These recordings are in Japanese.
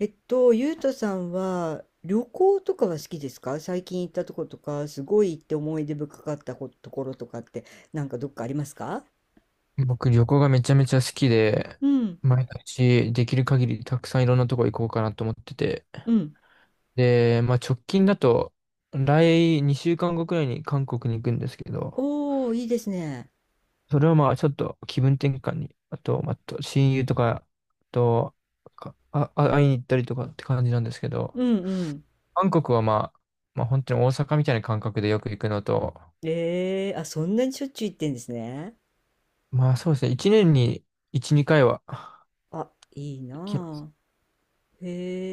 ゆうとさんは旅行とかは好きですか？最近行ったとことか、すごい行って思い出深かったことところとかって、なんかどっかありますか？僕、旅行がめちゃめちゃ好きで、うん、毎年できる限りたくさんいろんなとこ行こうかなと思ってて。うん。で、まあ直近だと、来2週間後くらいに韓国に行くんですけど、おー、いいですね。それはまあちょっと気分転換に、あと、まあ、と親友とか、会いに行ったりとかって感じなんですけど、うんうん。韓国はまあ、本当に大阪みたいな感覚でよく行くのと、えー、あ、そんなにしょっちゅう行ってんですね。まあそうですね、1年に1、2回は行あ、いいきます。なあ。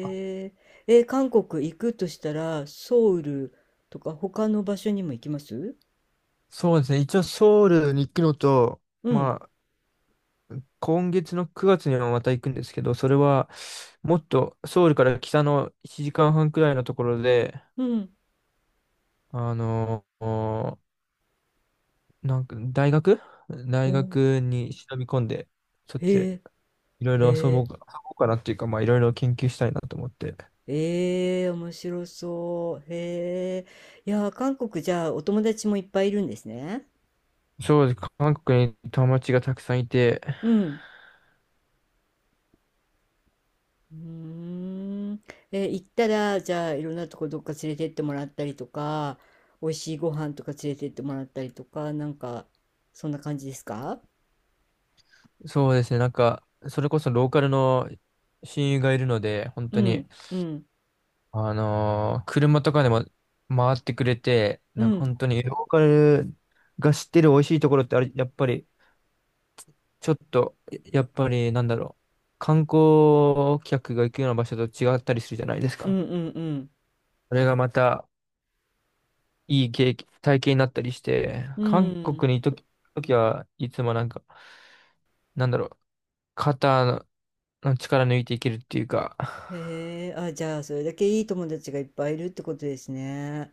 あえ。えー、韓国行くとしたら、ソウルとか他の場所にも行きます？そうですね、一応ソウルに行くのと、うん、まあ、今月の9月にもまた行くんですけど、それはもっとソウルから北の1時間半くらいのところで、うん。あのーなんか大学お大ー、学に忍び込んで、そっちへでえ、いろいろへえ。遊ぼうかなっていうか、まあいろいろ研究したいなと思って。ええ面白そう。へえ。いやー、韓国じゃあお友達もいっぱいいるんですね。そうです。韓国に友達がたくさんいて、うん。うーん。え行ったら、じゃあいろんなとこどっか連れてってもらったりとか、美味しいご飯とか連れてってもらったりとか、なんか、そんな感じですか？そうですね、なんか、それこそローカルの親友がいるので、本う当ん、に、うん、車とかでも回ってくれて、うなんかん、本当にローカルが知ってる美味しいところってあれ、やっぱり、ちょっと、やっぱりなんだろう、観光客が行くような場所と違ったりするじゃないですうん、か。うん、それがまたいい経験、体験になったりして、うん、う韓国ん。に行くとききはいつもなんか、なんだろう、肩の力抜いていけるっていうか、へえ、あ、じゃあ、それだけいい友達がいっぱいいるってことですね。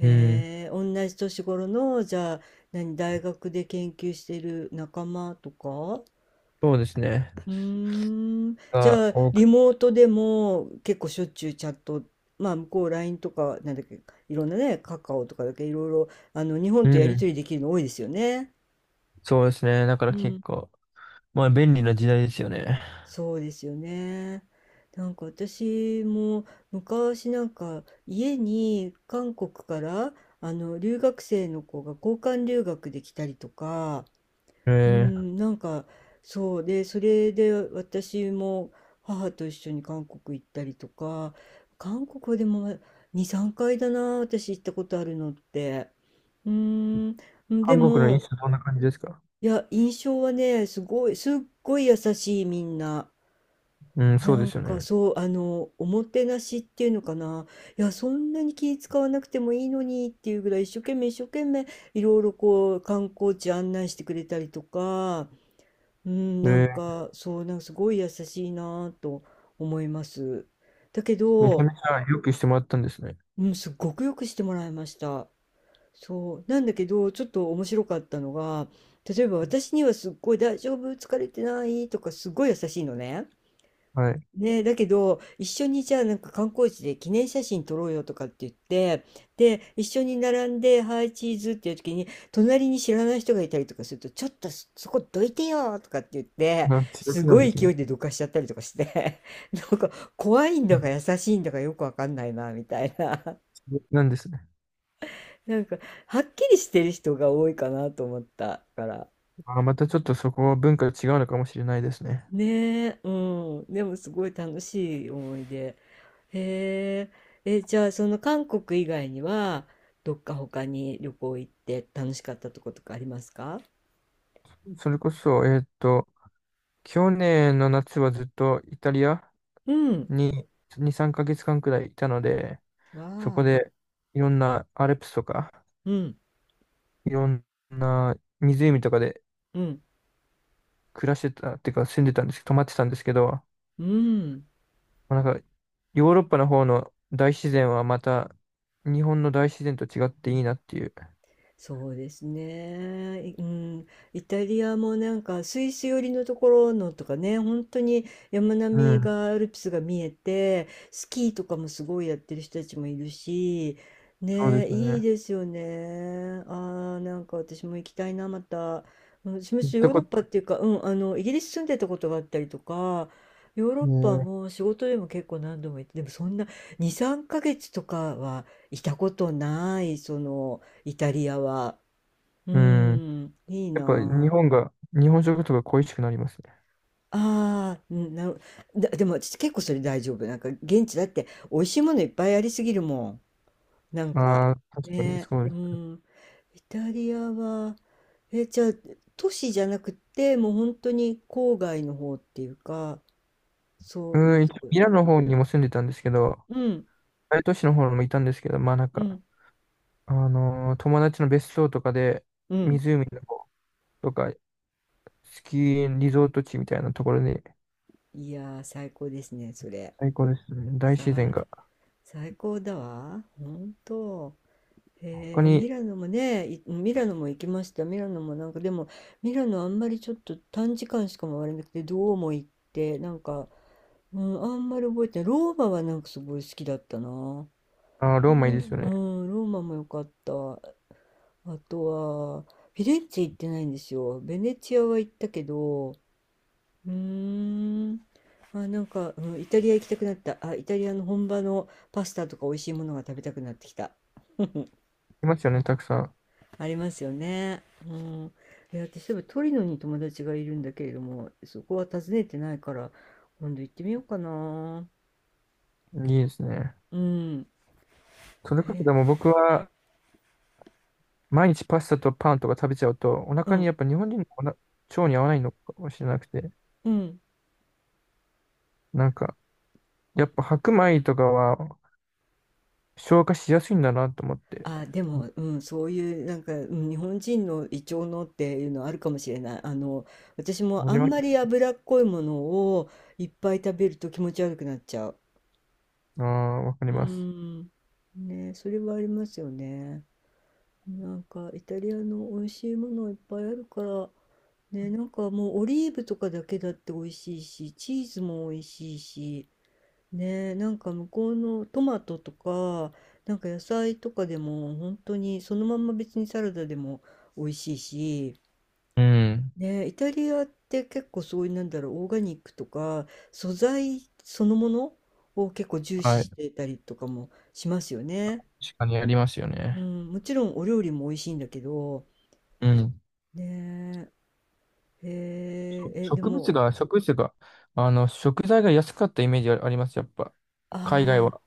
うん、え、同じ年頃の、じゃあ、何、大学で研究している仲間とか？ そうですね。うーん、じがゃあ、多リく、モートでも結構しょっちゅうチャット、まあ、向こう LINE とか、なんだっけ、いろんなね、カカオとかだけいろいろ、あの、日本うとやりとん、りできるの多いですよね。そうですね。だからう結ん。構。まあ、便利な時代ですよね。そうですよね。なんか私も昔なんか家に韓国からあの留学生の子が交換留学で来たりとか、えうー、ん、なんかそうで、それで私も母と一緒に韓国行ったりとか、韓国はでも2、3回だな、私行ったことあるのって。うん、で韓国の飲も、食どんな感じですか？いや、印象はね、すごい、すっごい優しいみんな。うん、そなうでんすよかね。そう、あの、おもてなしっていうのかな。いや、そんなに気使わなくてもいいのにっていうぐらい一生懸命一生懸命いろいろこう観光地案内してくれたりとか、うん、えなんー、かそう、なんかすごい優しいなぁと思います。だけめちゃど、めちゃよくしてもらったんですね。うん、すっごくよくしてもらいました。そう。なんだけど、ちょっと面白かったのが、例えば私にはすっごい大丈夫、疲れてないとかすっごい優しいのね。はい。ね、だけど、一緒にじゃあなんか観光地で記念写真撮ろうよとかって言って、で、一緒に並んで、はい、チーズっていう時に、隣に知らない人がいたりとかすると、ちょっとそこどいてよとかって言って、まあ、強す気なごんでいす勢ね。いでどかしちゃったりとかして なんか怖いんうだかん、優しいんだかよくわかんないな、みたいな。強気なんですね。なんか、はっきりしてる人が多いかなと思ったから。あー、またちょっとそこは文化が違うのかもしれないですね。ねえ、うん。でもすごい楽しい思い出。へえ、え、じゃあその韓国以外にはどっか他に旅行行って楽しかったとことかありますか？それこそ、去年の夏はずっとイタリアうん。に2、3ヶ月間くらいいたので、わそこあ。でいろんなアルプスとか、うん。いろんな湖とかでうん。暮らしてた、っていうか住んでたんですけど、泊まってたんですけど、もうん。うなんか、ヨーロッパの方の大自然はまた、日本の大自然と違っていいなっていう。そうですね。いうん、イタリアもなんかスイス寄りのところのとかね、本当に山並うみん、がアルプスが見えて、スキーとかもすごいやってる人たちもいるし、そうでね、すよいいね。ですよね。ああ、なんか私も行きたいな、また。うん、私も行っヨたーロこッと、パっていうか、うん、あの、イギリス住んでたことがあったりとか、ヨーロッパねも仕事でも結構何度も行って、でもそんな2、3ヶ月とかはいたことない、その、イタリアは。うえうん。ん。いいやっぱ日な本が、日本食とか恋しくなりますね。あ。あーうんなる、だ、でも私結構それ大丈夫。なんか現地だって美味しいものいっぱいありすぎるもん。なんかああ、確かにね、そうでうす。ん。イタリアは、え、じゃあ都市じゃなくてもう本当に郊外の方っていうか、そういううん、一と応ころ。ミラノの方にも住んでたんですけど、うん、大都市の方にもいたんですけど、まあなんうか、ん、友達の別荘とかで、うん。湖の方とか、スキーリゾート地みたいなところにいやー、最高ですね、それ。最高ですね。大さ自然あ、が。最高だわ。本当。他へえ、ミに、ラノもね、いミラノも行きました。ミラノもなんかでも、ミラノあんまりちょっと短時間しか回れなくて、どうも行って、なんか、うん、あんまり覚えてない。ローマはなんかすごい好きだったな。あー、うローマいいですん、よね。うんローマも良かった。あとは、フィレンツェ行ってないんですよ。ベネチアは行ったけど、うーん、あ、なんか、うん、イタリア行きたくなった。あ、イタリアの本場のパスタとか美味しいものが食べたくなってきた。いますよね、たくさありますよね。うん。いや、私、例えばトリノに友達がいるんだけれども、そこは訪ねてないから、今度行ってみようかな。ん。いいですね。うん。それこそえ、でも僕は、毎日パスタとパンとか食べちゃうと、おう腹にん、やっぱ日本人のおな腸に合わないのかもしれなくて、うん。なんか、やっぱ白米とかは消化しやすいんだなと思って。あ、でも、うん、そういう、なんか、うん、日本人の胃腸のっていうのはあるかもしれない。あの、私もわかありんまます。り脂っこいものをいっぱい食べると気持ち悪くなっちゃう。ああ、わかりうます。ん。ね、それはありますよね。なんかイタリアの美味しいものいっぱいあるから、ね、なんかもうオリーブとかだけだって美味しいし、チーズも美味しいし、ね、なんか向こうのトマトとか、なんか野菜とかでも本当にそのまんま別にサラダでも美味しいし、うん。ね、イタリアって結構そういうなんだろう、オーガニックとか素材そのものを結構重視はしい。てたりとかもしますよね。確かにありますようね。ん、もちろんお料理も美味しいんだけど、うん。ねえ、へええ、そで植物も、が、植物が、食材が安かったイメージあります、やっぱ。あ海外あ、は。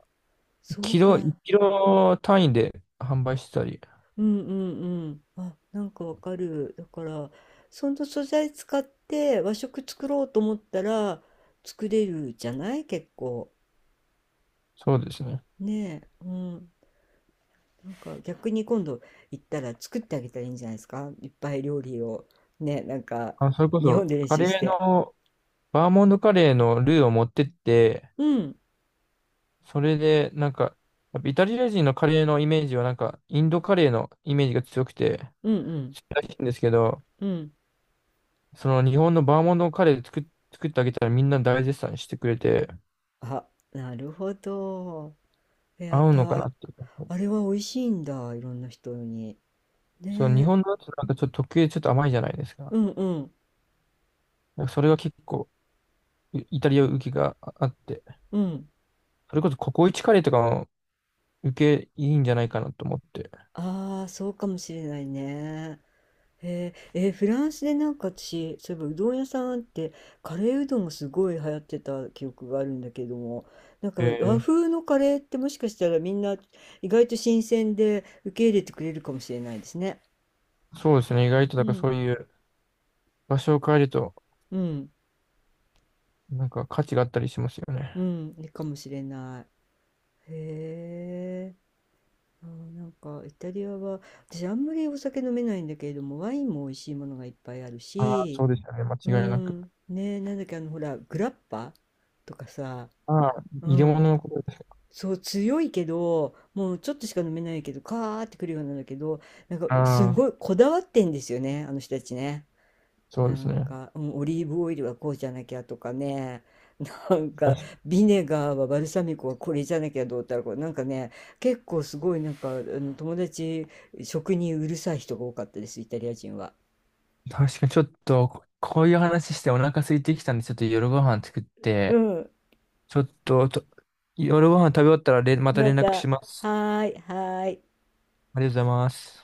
そうか。1キロ単位で販売してたり。うんうんうん。あ、なんかわかる。だから、その素材使って和食作ろうと思ったら作れるじゃない結構。そうですね。ねえ。うん。なんか逆に今度行ったら作ってあげたらいいんじゃないですか？いっぱい料理を。ね、なんかあ、それこ日本そ、で練カ習しレーて。の、バーモンドカレーのルーを持ってって、うん。それで、なんか、やっぱイタリア人のカレーのイメージは、なんか、インドカレーのイメージが強くて、うんうん強いらしいんですけど、うん。その日本のバーモンドカレー作ってあげたらみんな大絶賛してくれて、あ、なるほど。えやっ合うのかなぱ、っていう。あれは美味しいんだ。いろんな人に。その日ねえ。本のやつなんかちょっと特有でちょっと甘いじゃないですか。うんうん。なんかそれが結構、イイタリア受けがああって、うん。それこそココイチカレーとかも受けいいんじゃないかなと思って。ああ、そうかもしれないね。へえー、えーフランスでなんか私、そういえばうどん屋さんってカレーうどんがすごい流行ってた記憶があるんだけども、なんか和え風のカレーってもしかしたらみんな意外と新鮮で受け入れてくれるかもしれないですね。そうですね。意外と、だうからん、そういう場所を変えると、うん、なんか価値があったりしますよね。うん、いいかもしれない。へえ、あー、なんかイタリアは私あんまりお酒飲めないんだけれども、ワインも美味しいものがいっぱいあるああ、し、そうですよね。間う違いなく。ん、ねえ、なんだっけ、あの、ほら、グラッパとかさ、ああ、う入れ物ん、のことです。そう、強いけど、もうちょっとしか飲めないけど、カーってくるようなんだけど、なんか、すああ、ごいこだわってんですよね、あの人たちね。そうなですんね。か、うん、オリーブオイルはこうじゃなきゃとかね、なんか、確ビネガーはバルサミコはこれじゃなきゃどうたらこう、なんかね、結構すごい、なんか、あの友達、食にうるさい人が多かったです、イタリア人は。確かにちょっと、こういう話してお腹空いてきたんで、ちょっと夜ご飯作っうて、ん、ちょっと、夜ご飯食べ終わったられ、またま連た、絡します。はーい、はーい。ありがとうございます。